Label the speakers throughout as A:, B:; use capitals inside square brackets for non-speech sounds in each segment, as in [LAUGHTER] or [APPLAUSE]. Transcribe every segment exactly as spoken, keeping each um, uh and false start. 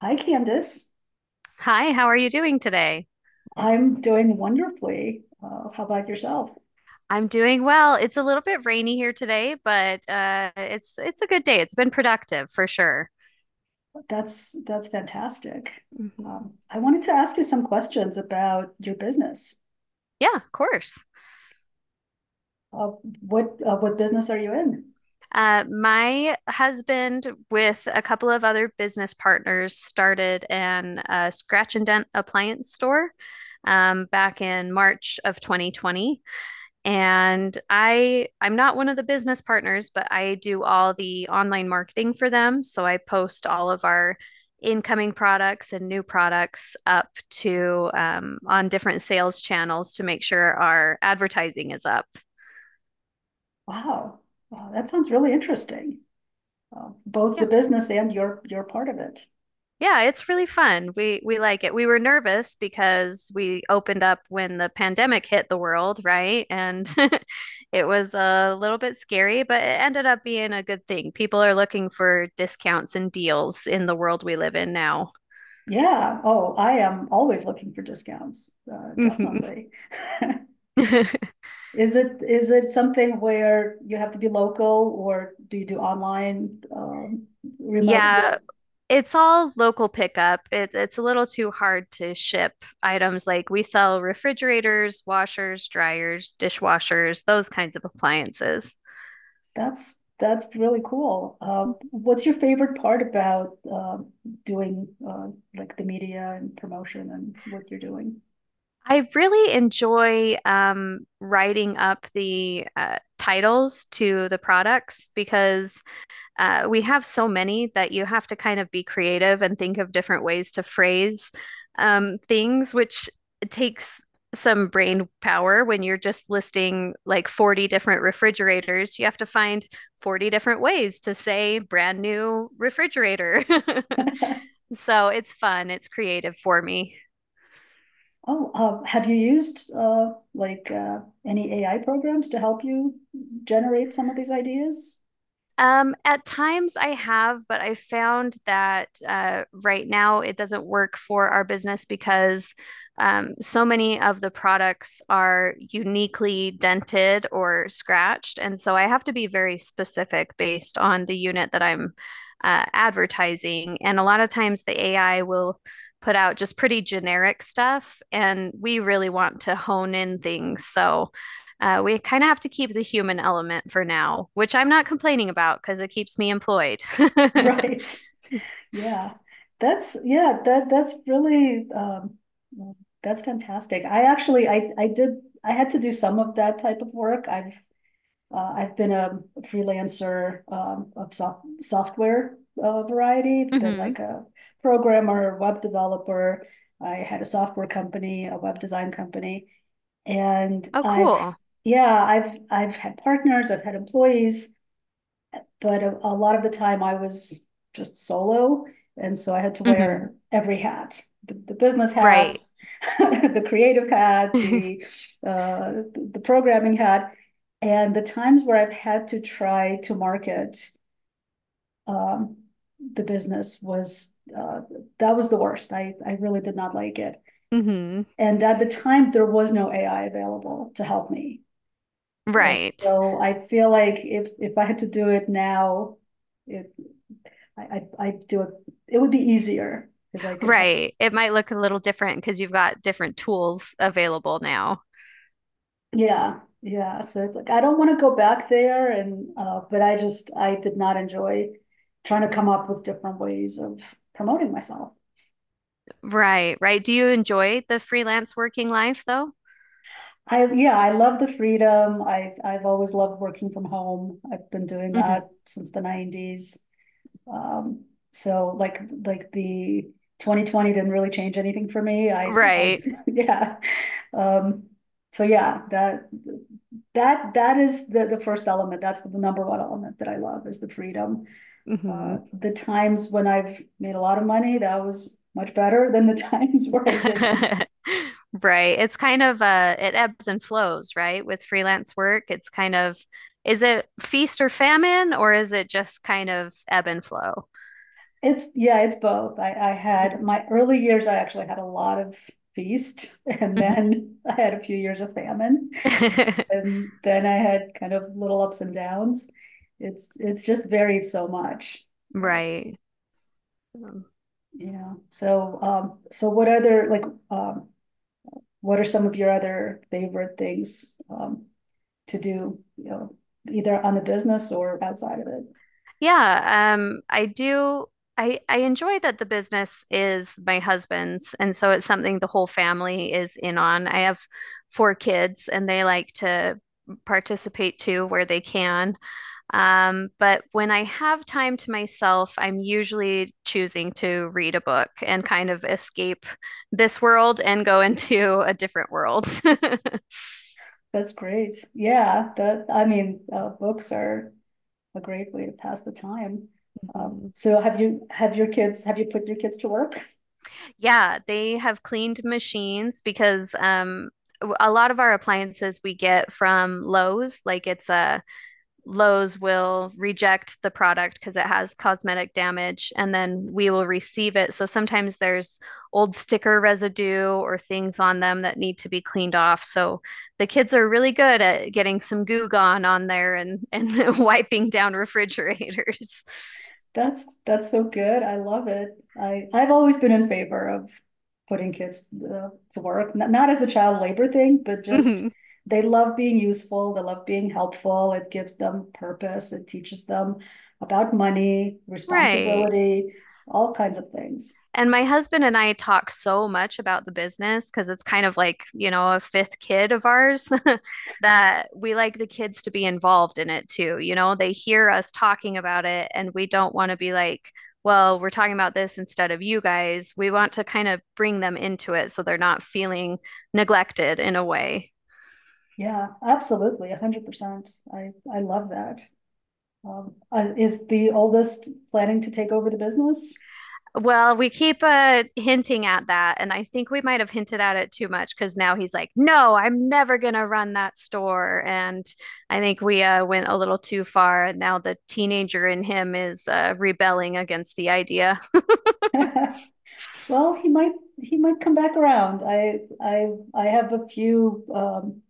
A: Hi, Candice.
B: Hi, how are you doing today?
A: I'm doing wonderfully. Uh, how about yourself?
B: I'm doing well. It's a little bit rainy here today, but uh, it's it's a good day. It's been productive for sure.
A: That's that's fantastic.
B: Mhm.
A: Um, I wanted to ask you some questions about your business.
B: Yeah, of course.
A: Uh, what uh, what business are you in?
B: Uh, my husband, with a couple of other business partners, started an uh, scratch and dent appliance store um, back in March of twenty twenty. And I I'm not one of the business partners, but I do all the online marketing for them. So I post all of our incoming products and new products up to um, on different sales channels to make sure our advertising is up.
A: Wow, wow, that sounds really interesting. Uh, both the business and your your part of it.
B: Yeah, it's really fun. We we like it. We were nervous because we opened up when the pandemic hit the world, right? And [LAUGHS] it was a little bit scary, but it ended up being a good thing. People are looking for discounts and deals in the world we live in now.
A: Yeah. Oh, I am always looking for discounts. Uh,
B: Mhm.
A: definitely. [LAUGHS]
B: [LAUGHS]
A: Is it is it something where you have to be local, or do you do online, um, remote?
B: Yeah, it's all local pickup. It, it's a little too hard to ship items like we sell refrigerators, washers, dryers, dishwashers, those kinds of appliances.
A: That's that's really cool. Uh, what's your favorite part about um doing uh, like the media and promotion and what you're doing?
B: I really enjoy um, writing up the uh, titles to the products because uh, we have so many that you have to kind of be creative and think of different ways to phrase um, things, which takes some brain power when you're just listing like forty different refrigerators. You have to find forty different ways to say brand new refrigerator. [LAUGHS] So it's fun, it's creative for me.
A: Oh, uh, have you used uh, like uh, any A I programs to help you generate some of these ideas? [LAUGHS]
B: Um, at times I have, but I found that uh, right now it doesn't work for our business because um, so many of the products are uniquely dented or scratched. And so I have to be very specific based on the unit that I'm uh, advertising. And a lot of times the A I will put out just pretty generic stuff, and we really want to hone in things. So uh, we kind of have to keep the human element for now, which I'm not complaining about because it keeps me employed. [LAUGHS]
A: Right. Yeah. That's Yeah. That that's really um, that's fantastic. I actually I I did I had to do some of that type of work. I've Uh, I've been a freelancer um, of soft, software uh, variety. I've been
B: Hmm.
A: like a programmer, web developer. I had a software company, a web design company, and
B: Oh,
A: I've
B: cool.
A: yeah, I've I've had partners, I've had employees, but a, a lot of the time I was just solo. And so I had to
B: Hmm.
A: wear every hat, the, the business hat,
B: Right.
A: [LAUGHS] the creative hat, the,
B: [LAUGHS]
A: uh, the programming hat. And the times where I've had to try to market um, the business, was uh, that was the worst. I, I really did not like it.
B: Hmm.
A: And at the time, there was no A I available to help me. And
B: Right.
A: so I feel like if if I had to do it now, it I, I, I do it, it would be easier because I could help.
B: Right. It might look a little different because you've got different tools available now.
A: Yeah, yeah. So it's like, I don't want to go back there and, uh, but I just, I did not enjoy trying to come up with different ways of promoting myself.
B: Right. Right. Do you enjoy the freelance working life though?
A: I, yeah, I love the freedom. I, I've always loved working from home. I've been doing
B: Mhm.
A: that since the nineties. Um, so like, like the twenty twenty didn't really change anything for me. I, I,
B: Right.
A: [LAUGHS] yeah. Um, so yeah, that, that, that is the, the first element. That's the number one element that I love is the freedom. Uh,
B: Mhm.
A: the times when I've made a lot of money, that was much better than the [LAUGHS] times where I didn't.
B: [LAUGHS] Right. It's kind of uh it ebbs and flows, right? With freelance work, it's kind of is it feast or famine or is it just kind of ebb and flow?
A: It's, yeah, it's both. I, I had
B: Mhm.
A: my early years, I actually had a lot of feast, and then [LAUGHS] I had a few years of famine.
B: Mhm. [LAUGHS]
A: And then I had kind of little ups and downs. It's it's just varied so much, you
B: Right. Um,
A: know. So um, so what other like um, what are some of your other favorite things um to do, you know, either on the business or outside of it?
B: yeah, um, I do. I I enjoy that the business is my husband's, and so it's something the whole family is in on. I have four kids, and they like to participate too where they can. Um, but when I have time to myself, I'm usually choosing to read a book and kind of escape this world and go [LAUGHS] into a different world. [LAUGHS]
A: That's great. Yeah, that I mean, uh, books are a great way to pass the time. Um,
B: Mhm.
A: so have you have your kids have you put your kids to work?
B: Yeah, they have cleaned machines because um, w- a lot of our appliances we get from Lowe's, like it's a Lowe's will reject the product because it has cosmetic damage, and then we will receive it. So sometimes there's old sticker residue or things on them that need to be cleaned off. So the kids are really good at getting some Goo Gone on there and and [LAUGHS] wiping down refrigerators. [LAUGHS]
A: That's that's so good. I love it. I I've always been in favor of putting kids uh, to work, not, not as a child labor thing, but just
B: Mhm.
A: they love being useful. They love being helpful. It gives them purpose. It teaches them about money,
B: Right.
A: responsibility, all kinds of things.
B: And my husband and I talk so much about the business because it's kind of like, you know, a fifth kid of ours [LAUGHS] that we like the kids to be involved in it too. You know, they hear us talking about it and we don't want to be like, well, we're talking about this instead of you guys. We want to kind of bring them into it so they're not feeling neglected in a way.
A: Yeah, absolutely, a hundred percent. I I love that. Um, uh, is the oldest planning to take over the business?
B: Well, we keep uh hinting at that, and I think we might have hinted at it too much because now he's like, "No, I'm never gonna run that store." And I think we uh went a little too far, and now the teenager in him is uh rebelling against the idea.
A: [LAUGHS] Well, he might, he might come back around. I, I, I have a few, um,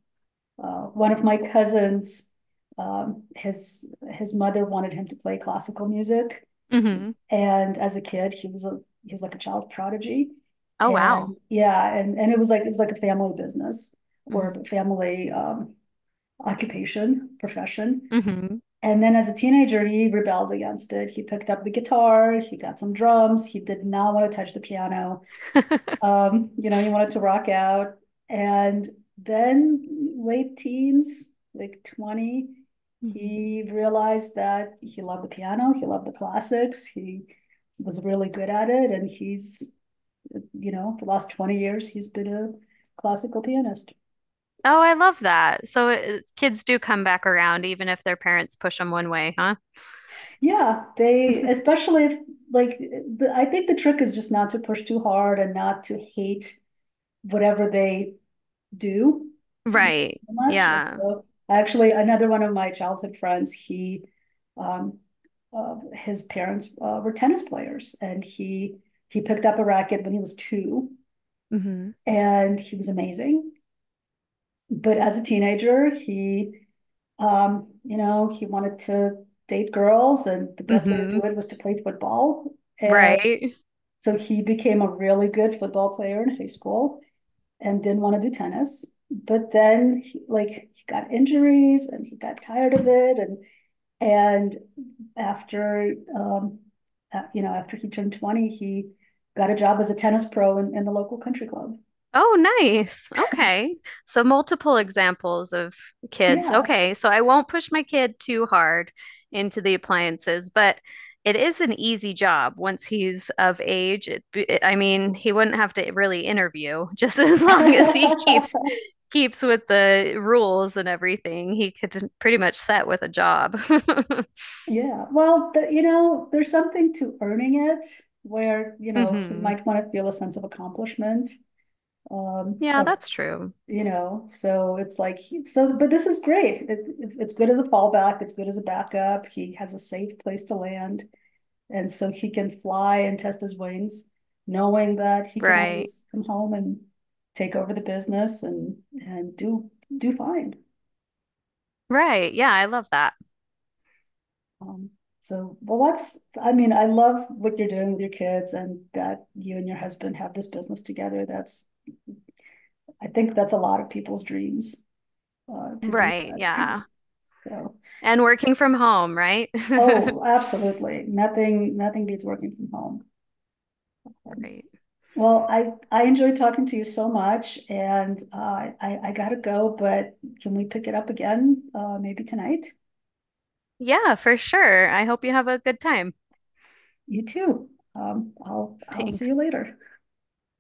A: uh, one of my cousins. Um, his, his mother wanted him to play classical music.
B: Mm-hmm.
A: And as a kid, he was a, he was like a child prodigy.
B: Oh,
A: And
B: wow.
A: yeah, and, and it was like, it was like a family business or a
B: Mm-hmm.
A: family, um, occupation, profession.
B: Mm-hmm.
A: And then as a teenager, he rebelled against it. He picked up the guitar, he got some drums, he did not want to touch the piano.
B: [LAUGHS]
A: Um, you know, you wanted to rock out. And then late teens, like twenty,
B: Mm-hmm.
A: he realized that he loved the piano, he loved the classics, he was really good at it. And he's, you know, for the last twenty years, he's been a classical pianist.
B: Oh, I love that. So uh, kids do come back around even if their parents push them one way, huh?
A: Yeah, they,
B: [LAUGHS]
A: especially if, like, the, I think the trick is just not to push too hard and not to hate whatever they do
B: Right.
A: so much.
B: Yeah.
A: So, actually, another one of my childhood friends, he, um, uh, his parents uh, were tennis players, and he he picked up a racket when he was two,
B: Mm-hmm.
A: and he was amazing. But as a teenager, he, um, you know, he wanted to date girls, and the best way to
B: Hmm.
A: do it was to play football. And
B: Right.
A: so he became a really good football player in high school and didn't want to do tennis. But then he, like he got injuries and he got tired of it, and and after um uh, you know after he turned twenty, he got a job as a tennis pro in, in the local country club.
B: Oh, nice. Okay. So multiple examples of kids.
A: Yeah.
B: Okay. So I won't push my kid too hard into the appliances, but it is an easy job once he's of age. It, it- I mean, he wouldn't have to really interview just [LAUGHS] as long as he keeps
A: [LAUGHS]
B: keeps with the rules and everything. He could pretty much set with a job. [LAUGHS]
A: Yeah. Well, the, you know, there's something to earning it where, you know, he
B: Hmm.
A: might want to feel a sense of accomplishment. Um
B: Yeah,
A: of
B: that's true.
A: You know, so it's like, he- so, But this is great. It, it's good as a fallback. It's good as a backup. He has a safe place to land. And so he can fly and test his wings, knowing that he can
B: Right.
A: always come home and take over the business and, and, do, do fine.
B: Right. Yeah, I love that.
A: Um, so, well, that's, I mean, I love what you're doing with your kids and that you and your husband have this business together. That's, I think that's a lot of people's dreams, uh, to do
B: Right.
A: that.
B: Yeah.
A: [LAUGHS] So,
B: And working from home, right? [LAUGHS]
A: Oh, absolutely. Nothing, nothing beats working from home. Um,
B: Right.
A: Well, I, I enjoyed talking to you so much and uh, I, I gotta go, but can we pick it up again? Uh, maybe tonight?
B: Yeah, for sure. I hope you have a good time.
A: You too. Um, I'll,
B: [LAUGHS]
A: I'll see
B: Thanks.
A: you later.